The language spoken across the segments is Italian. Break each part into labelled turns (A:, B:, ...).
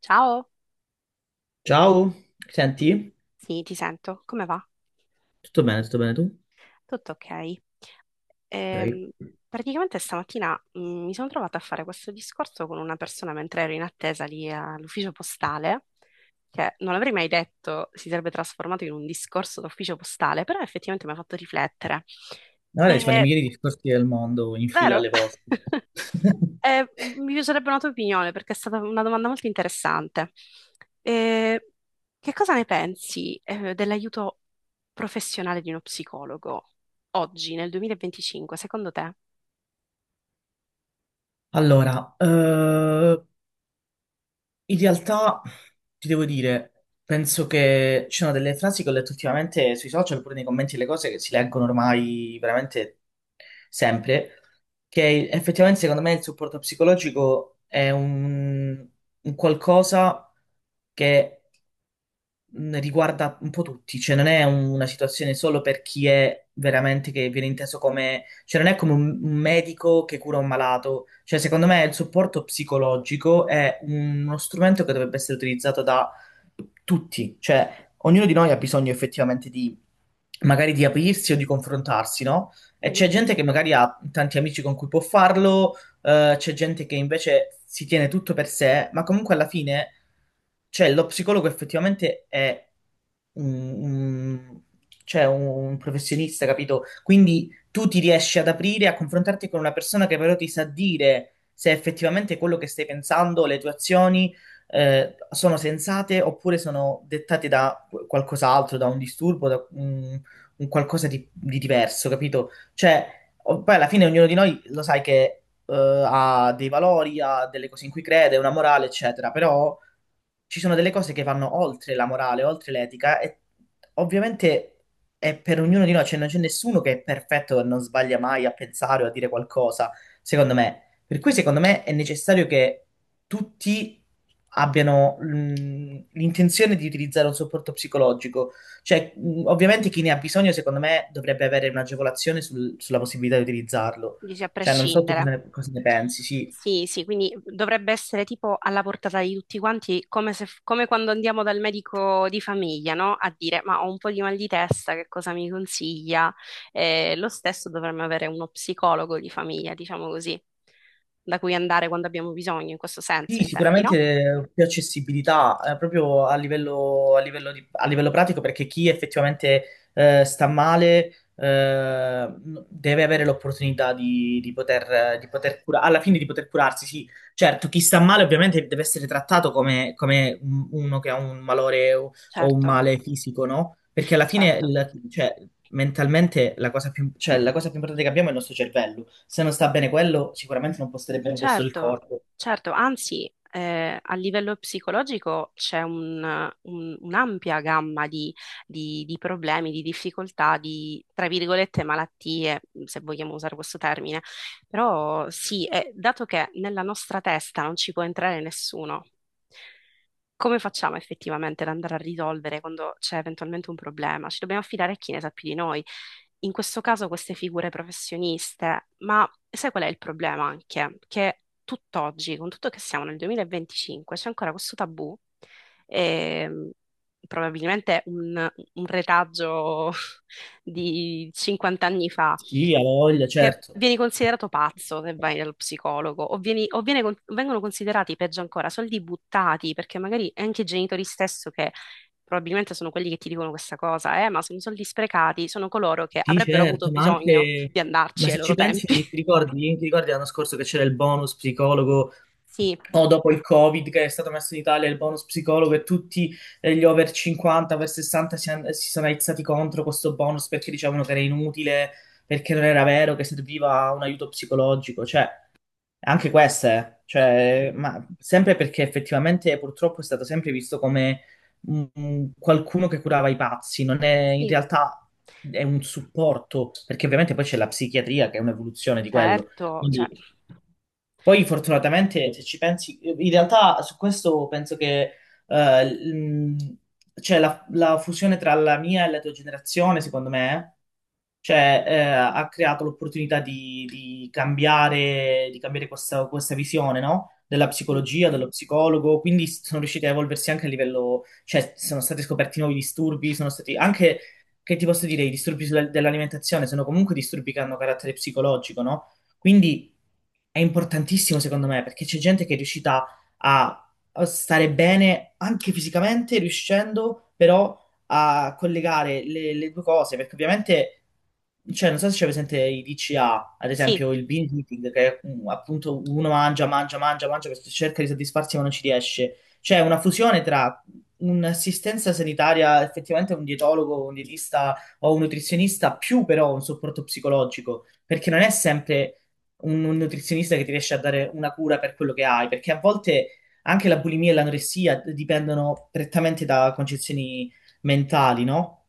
A: Ciao,
B: Ciao, senti?
A: sì, ti sento. Come va?
B: Tutto bene tu?
A: Tutto ok. Ehm,
B: Ok.
A: praticamente stamattina mi sono trovata a fare questo discorso con una persona mentre ero in attesa lì all'ufficio postale, che non l'avrei mai detto si sarebbe trasformato in un discorso d'ufficio postale, però effettivamente mi ha fatto riflettere.
B: Guarda, ci fanno i
A: E
B: migliori discorsi del mondo in fila
A: Vero?
B: alle vostre.
A: Mi piacerebbe una tua opinione perché è stata una domanda molto interessante. Eh, che cosa ne pensi, dell'aiuto professionale di uno psicologo oggi, nel 2025, secondo te?
B: Allora, in realtà ti devo dire, penso che ci sono delle frasi che ho letto ultimamente sui social, pure nei commenti, le cose che si leggono ormai veramente sempre, che effettivamente secondo me il supporto psicologico è un qualcosa che riguarda un po' tutti, cioè non è una situazione solo per chi è veramente che viene inteso come, cioè non è come un medico che cura un malato, cioè secondo me il supporto psicologico è uno strumento che dovrebbe essere utilizzato da tutti, cioè ognuno di noi ha bisogno effettivamente di magari di aprirsi o di confrontarsi, no? E
A: Mm-hmm.
B: c'è gente che magari ha tanti amici con cui può farlo c'è gente che invece si tiene tutto per sé, ma comunque alla fine, cioè, lo psicologo effettivamente è un, un- cioè, un professionista, capito? Quindi tu ti riesci ad aprire, a confrontarti con una persona che però ti sa dire se effettivamente quello che stai pensando, le tue azioni, sono sensate oppure sono dettate da qualcos'altro, da un disturbo, da un qualcosa di diverso, capito? Cioè, poi alla fine ognuno di noi lo sai che ha dei valori, ha delle cose in cui crede, una morale, eccetera, però ci sono delle cose che vanno oltre la morale, oltre l'etica e ovviamente è per ognuno di noi, cioè non c'è nessuno che è perfetto e non sbaglia mai a pensare o a dire qualcosa, secondo me. Per cui secondo me è necessario che tutti abbiano l'intenzione di utilizzare un supporto psicologico. Cioè, ovviamente chi ne ha bisogno, secondo me, dovrebbe avere un'agevolazione sulla possibilità di utilizzarlo.
A: Dici a
B: Cioè, non so tu
A: prescindere.
B: cosa ne pensi, sì,
A: Sì, sì, quindi dovrebbe essere tipo alla portata di tutti quanti, come se, come quando andiamo dal medico di famiglia, no? A dire, ma ho un po' di mal di testa, che cosa mi consiglia? Lo stesso dovremmo avere uno psicologo di famiglia, diciamo così, da cui andare quando abbiamo bisogno, in questo senso,
B: sì,
A: intendi, no?
B: sicuramente più accessibilità, proprio a livello, a livello pratico, perché chi effettivamente sta male eh, deve avere l'opportunità di poter alla fine di poter curarsi, sì. Certo, chi sta male ovviamente deve essere trattato come, come uno che ha un malore o un
A: Certo,
B: male fisico, no? Perché alla fine,
A: certo.
B: cioè, mentalmente la cosa più, cioè, la cosa più importante che abbiamo è il nostro cervello. Se non sta bene quello, sicuramente non può stare bene il resto del
A: Certo,
B: corpo.
A: certo, anzi, a livello psicologico c'è un'ampia gamma di problemi, di difficoltà, di, tra virgolette, malattie, se vogliamo usare questo termine. Però sì, dato che nella nostra testa non ci può entrare nessuno, come facciamo effettivamente ad andare a risolvere quando c'è eventualmente un problema? Ci dobbiamo affidare a chi ne sa più di noi. In questo caso queste figure professioniste, ma sai qual è il problema anche? Che tutt'oggi, con tutto che siamo nel 2025, c'è ancora questo tabù, ehm, probabilmente un retaggio di 50 anni fa,
B: Sì, ha voglia,
A: che
B: certo.
A: vieni considerato pazzo se vai dallo psicologo, o vengono considerati, peggio ancora, soldi buttati, perché magari anche i genitori stesso che probabilmente sono quelli che ti dicono questa cosa, ma sono soldi sprecati, sono coloro che
B: Sì,
A: avrebbero avuto
B: certo, ma
A: bisogno
B: anche...
A: di
B: Ma
A: andarci ai
B: se
A: loro
B: ci pensi,
A: tempi.
B: ti ricordi l'anno scorso che c'era il bonus psicologo,
A: Sì,
B: o dopo il Covid che è stato messo in Italia, il bonus psicologo e tutti gli over 50, over 60 si, si sono aizzati contro questo bonus perché dicevano che era inutile, perché non era vero, che serviva un aiuto psicologico. Cioè, anche queste, cioè,
A: sì,
B: ma sempre perché effettivamente purtroppo è stato sempre visto come qualcuno che curava i pazzi, non è in
A: sì,
B: realtà è un supporto, perché ovviamente poi c'è la psichiatria che è un'evoluzione di quello.
A: certo, cioè,
B: Quindi poi fortunatamente se ci pensi, in realtà su questo penso che eh, l- mh, cioè la fusione tra la mia e la tua generazione, secondo me, cioè, ha creato l'opportunità di cambiare questa visione, no? Della
A: sì,
B: psicologia, dello psicologo, quindi sono riusciti a evolversi anche a livello, cioè sono stati scoperti nuovi disturbi, sono stati anche,
A: sì,
B: che ti posso dire, i disturbi dell'alimentazione sono comunque disturbi che hanno carattere psicologico, no? Quindi è importantissimo secondo me perché c'è gente che è riuscita a a stare bene anche fisicamente, riuscendo però a collegare le due cose, perché ovviamente, cioè, non so se c'è presente i DCA, ad
A: sì.
B: esempio il binge eating, che è, appunto uno mangia, mangia, mangia, mangia, perché cerca di soddisfarsi ma non ci riesce. C'è una fusione tra un'assistenza sanitaria, effettivamente un dietologo, un dietista o un nutrizionista, più però un supporto psicologico, perché non è sempre un nutrizionista che ti riesce a dare una cura per quello che hai, perché a volte anche la bulimia e l'anoressia dipendono prettamente da concezioni mentali, no?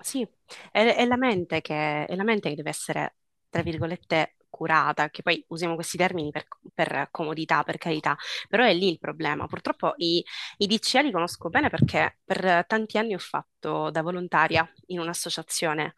A: Sì, è la mente che deve essere, tra virgolette, curata, che poi usiamo questi termini per, comodità, per carità, però è lì il problema. Purtroppo i DCA li conosco bene perché per tanti anni ho fatto da volontaria in un'associazione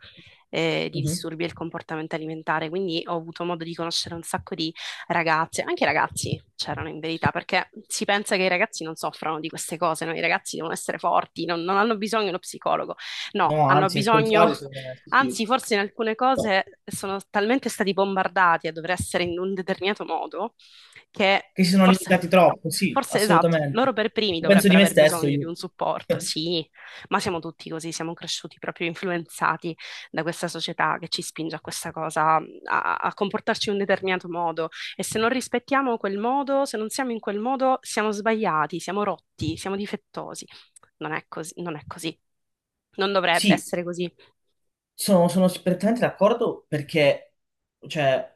A: di
B: Mhm.
A: disturbi del comportamento alimentare, quindi ho avuto modo di conoscere un sacco di ragazze, anche i ragazzi c'erano in verità, perché si pensa che i ragazzi non soffrano di queste cose, no? I ragazzi devono essere forti, non hanno bisogno di uno psicologo. No,
B: No,
A: hanno
B: anzi, al
A: bisogno,
B: contrario, secondo me, sì, sì.
A: anzi, forse in alcune
B: Che
A: cose sono talmente stati bombardati a dover essere in un determinato modo che
B: si sono limitati
A: forse,
B: troppo, sì,
A: forse esatto, loro
B: assolutamente.
A: per primi
B: Penso di
A: dovrebbero
B: me
A: aver
B: stesso
A: bisogno di
B: io.
A: un supporto, sì, ma siamo tutti così, siamo cresciuti proprio influenzati da questa società che ci spinge a questa cosa, a comportarci in un determinato modo e se non rispettiamo quel modo, se non siamo in quel modo, siamo sbagliati, siamo rotti, siamo difettosi. Non è così, non è così. Non dovrebbe
B: Sì,
A: essere così.
B: sono, sono perfettamente d'accordo perché, cioè,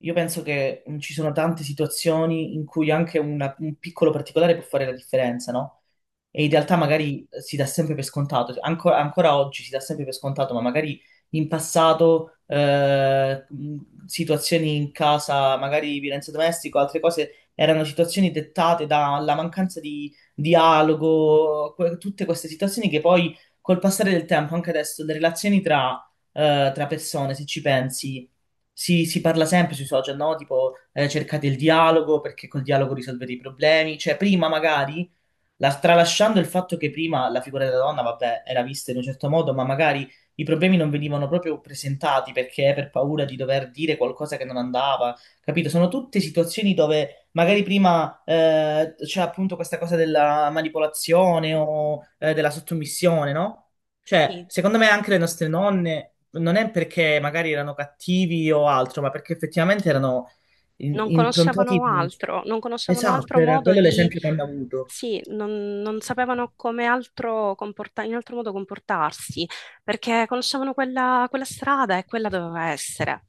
B: io penso che ci sono tante situazioni in cui anche un piccolo particolare può fare la differenza, no? E in realtà magari si dà sempre per scontato, ancora oggi si dà sempre per scontato, ma magari in passato situazioni in casa, magari violenza domestica o altre cose, erano situazioni dettate dalla mancanza di dialogo, tutte queste situazioni che poi col passare del tempo, anche adesso, le relazioni tra, tra persone, se ci pensi, si parla sempre sui social, no? Tipo, cercate il dialogo perché col dialogo risolvete i problemi. Cioè, prima magari tralasciando il fatto che prima la figura della donna, vabbè, era vista in un certo modo, ma magari i problemi non venivano proprio presentati perché per paura di dover dire qualcosa che non andava, capito? Sono tutte situazioni dove magari prima c'è appunto questa cosa della manipolazione o della sottomissione, no? Cioè,
A: Sì,
B: secondo me anche le nostre nonne non è perché magari erano cattivi o altro, ma perché effettivamente erano
A: non
B: improntati...
A: conoscevano altro, non conoscevano
B: Esatto,
A: altro
B: era
A: modo
B: quello
A: di,
B: l'esempio che hanno avuto.
A: sì, non sapevano in altro modo comportarsi, perché conoscevano quella strada e quella doveva essere.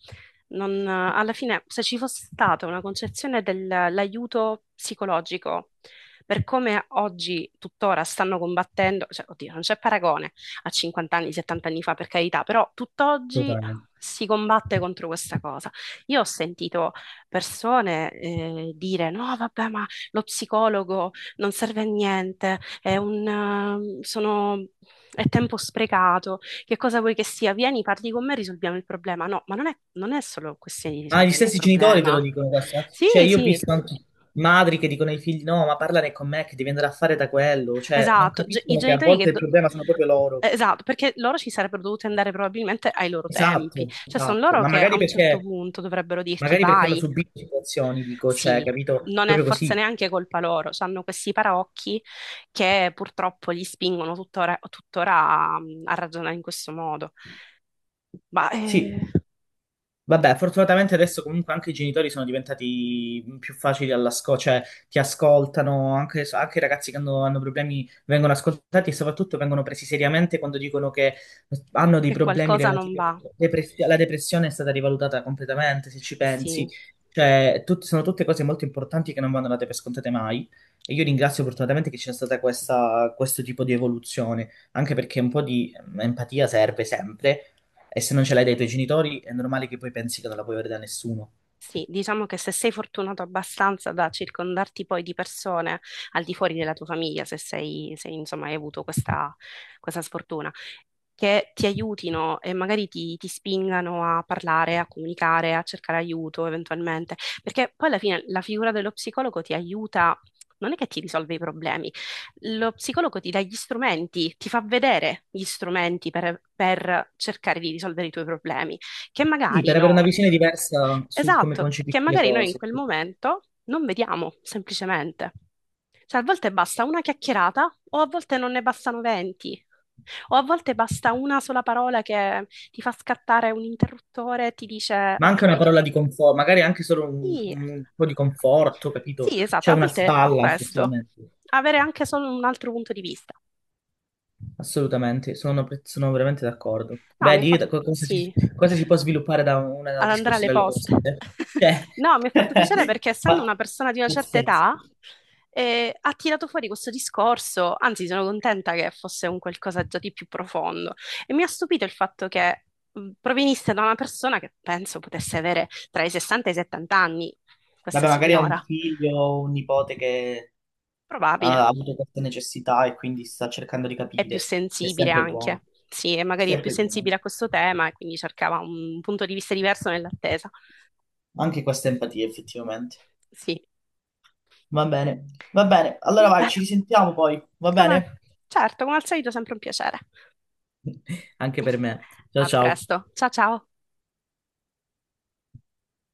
A: Alla fine, se ci fosse stata una concezione dell'aiuto psicologico, per come oggi, tuttora, stanno combattendo, cioè, oddio, non c'è paragone a 50 anni, 70 anni fa, per carità, però tutt'oggi
B: Totalmente.
A: si combatte contro questa cosa. Io ho sentito persone dire no, vabbè, ma lo psicologo non serve a niente, è tempo sprecato, che cosa vuoi che sia? Vieni, parli con me, risolviamo il problema. No, ma non è solo questione di
B: Ah, gli
A: risolvere il
B: stessi genitori te lo
A: problema.
B: dicono questa.
A: Sì,
B: Cioè, io ho
A: sì,
B: visto anche madri che dicono ai figli: no, ma parlane con me che devi andare a fare da quello. Cioè, non
A: esatto. Ge- I
B: capiscono che a
A: genitori che...
B: volte il
A: do-
B: problema sono proprio loro.
A: Esatto, perché loro ci sarebbero dovuti andare probabilmente ai loro tempi,
B: Esatto,
A: cioè sono
B: esatto.
A: loro
B: Ma
A: che a un certo punto dovrebbero dirti
B: magari perché hanno
A: vai,
B: subito situazioni, dico, cioè,
A: sì,
B: capito?
A: non è
B: Proprio
A: forse
B: così.
A: neanche colpa loro, hanno questi paraocchi che purtroppo li spingono tuttora, tuttora a, a ragionare in questo modo. Ma
B: Sì. Vabbè, fortunatamente adesso comunque anche i genitori sono diventati più facili all'ascolto, cioè ti ascoltano, anche, anche i ragazzi che hanno problemi vengono ascoltati e soprattutto vengono presi seriamente quando dicono che hanno dei
A: che
B: problemi
A: qualcosa non
B: relativi alla
A: va.
B: depressione. La depressione è stata rivalutata completamente, se ci pensi.
A: Sì,
B: Cioè, sono tutte cose molto importanti che non vanno date per scontate mai. E io ringrazio fortunatamente che c'è stata questa, questo tipo di evoluzione, anche perché un po' di empatia serve sempre e se non ce l'hai dai tuoi genitori, è normale che poi pensi che non la puoi avere da nessuno.
A: sì, diciamo che se sei fortunato abbastanza da circondarti poi di persone al di fuori della tua famiglia, se sei, se, insomma, hai avuto questa sfortuna che ti aiutino e magari ti spingano a parlare, a comunicare, a cercare aiuto eventualmente, perché poi alla fine la figura dello psicologo ti aiuta, non è che ti risolve i problemi, lo psicologo ti dà gli strumenti, ti fa vedere gli strumenti per cercare di risolvere i tuoi problemi, che
B: Sì,
A: magari
B: per avere una
A: no.
B: visione diversa su come
A: Esatto, che
B: concepisci le
A: magari noi in
B: cose.
A: quel momento non vediamo semplicemente. Cioè, a volte basta una chiacchierata, o a volte non ne bastano 20, o a volte basta una sola parola che ti fa scattare un interruttore e ti dice:
B: Ma
A: Ok,
B: anche una parola di conforto, magari anche solo
A: sì,
B: un po' di conforto, capito?
A: sì, esatto,
B: C'è
A: a
B: una
A: volte è
B: spalla,
A: questo.
B: effettivamente.
A: Avere anche solo un altro punto di vista.
B: Assolutamente, sono, sono veramente d'accordo.
A: No, mi ha
B: Vedi
A: fatto sì,
B: cosa si può sviluppare da una
A: ad andare alle
B: discussione alle cose?
A: poste.
B: Cioè,
A: No, mi ha fatto piacere perché essendo
B: ma-
A: una persona di una certa età,
B: pazzesco.
A: ha tirato fuori questo discorso, anzi sono contenta che fosse un qualcosa già di più profondo. E mi ha stupito il fatto che provenisse da una persona che penso potesse avere tra i 60 e i 70 anni, questa
B: Vabbè, magari ha un
A: signora.
B: figlio o un nipote che
A: Probabile.
B: ha avuto questa necessità e quindi sta cercando di
A: È più
B: capire. È
A: sensibile
B: sempre buono,
A: anche. Sì, e
B: è
A: magari è più
B: sempre buono.
A: sensibile a questo tema e quindi cercava un punto di vista diverso nell'attesa.
B: Anche questa empatia, effettivamente.
A: Sì,
B: Va bene, va bene. Allora
A: va
B: vai,
A: bene.
B: ci risentiamo poi, va
A: Come...
B: bene?
A: Certo, come al solito sempre un piacere.
B: Anche per me. Ciao
A: A
B: ciao.
A: presto. Ciao ciao.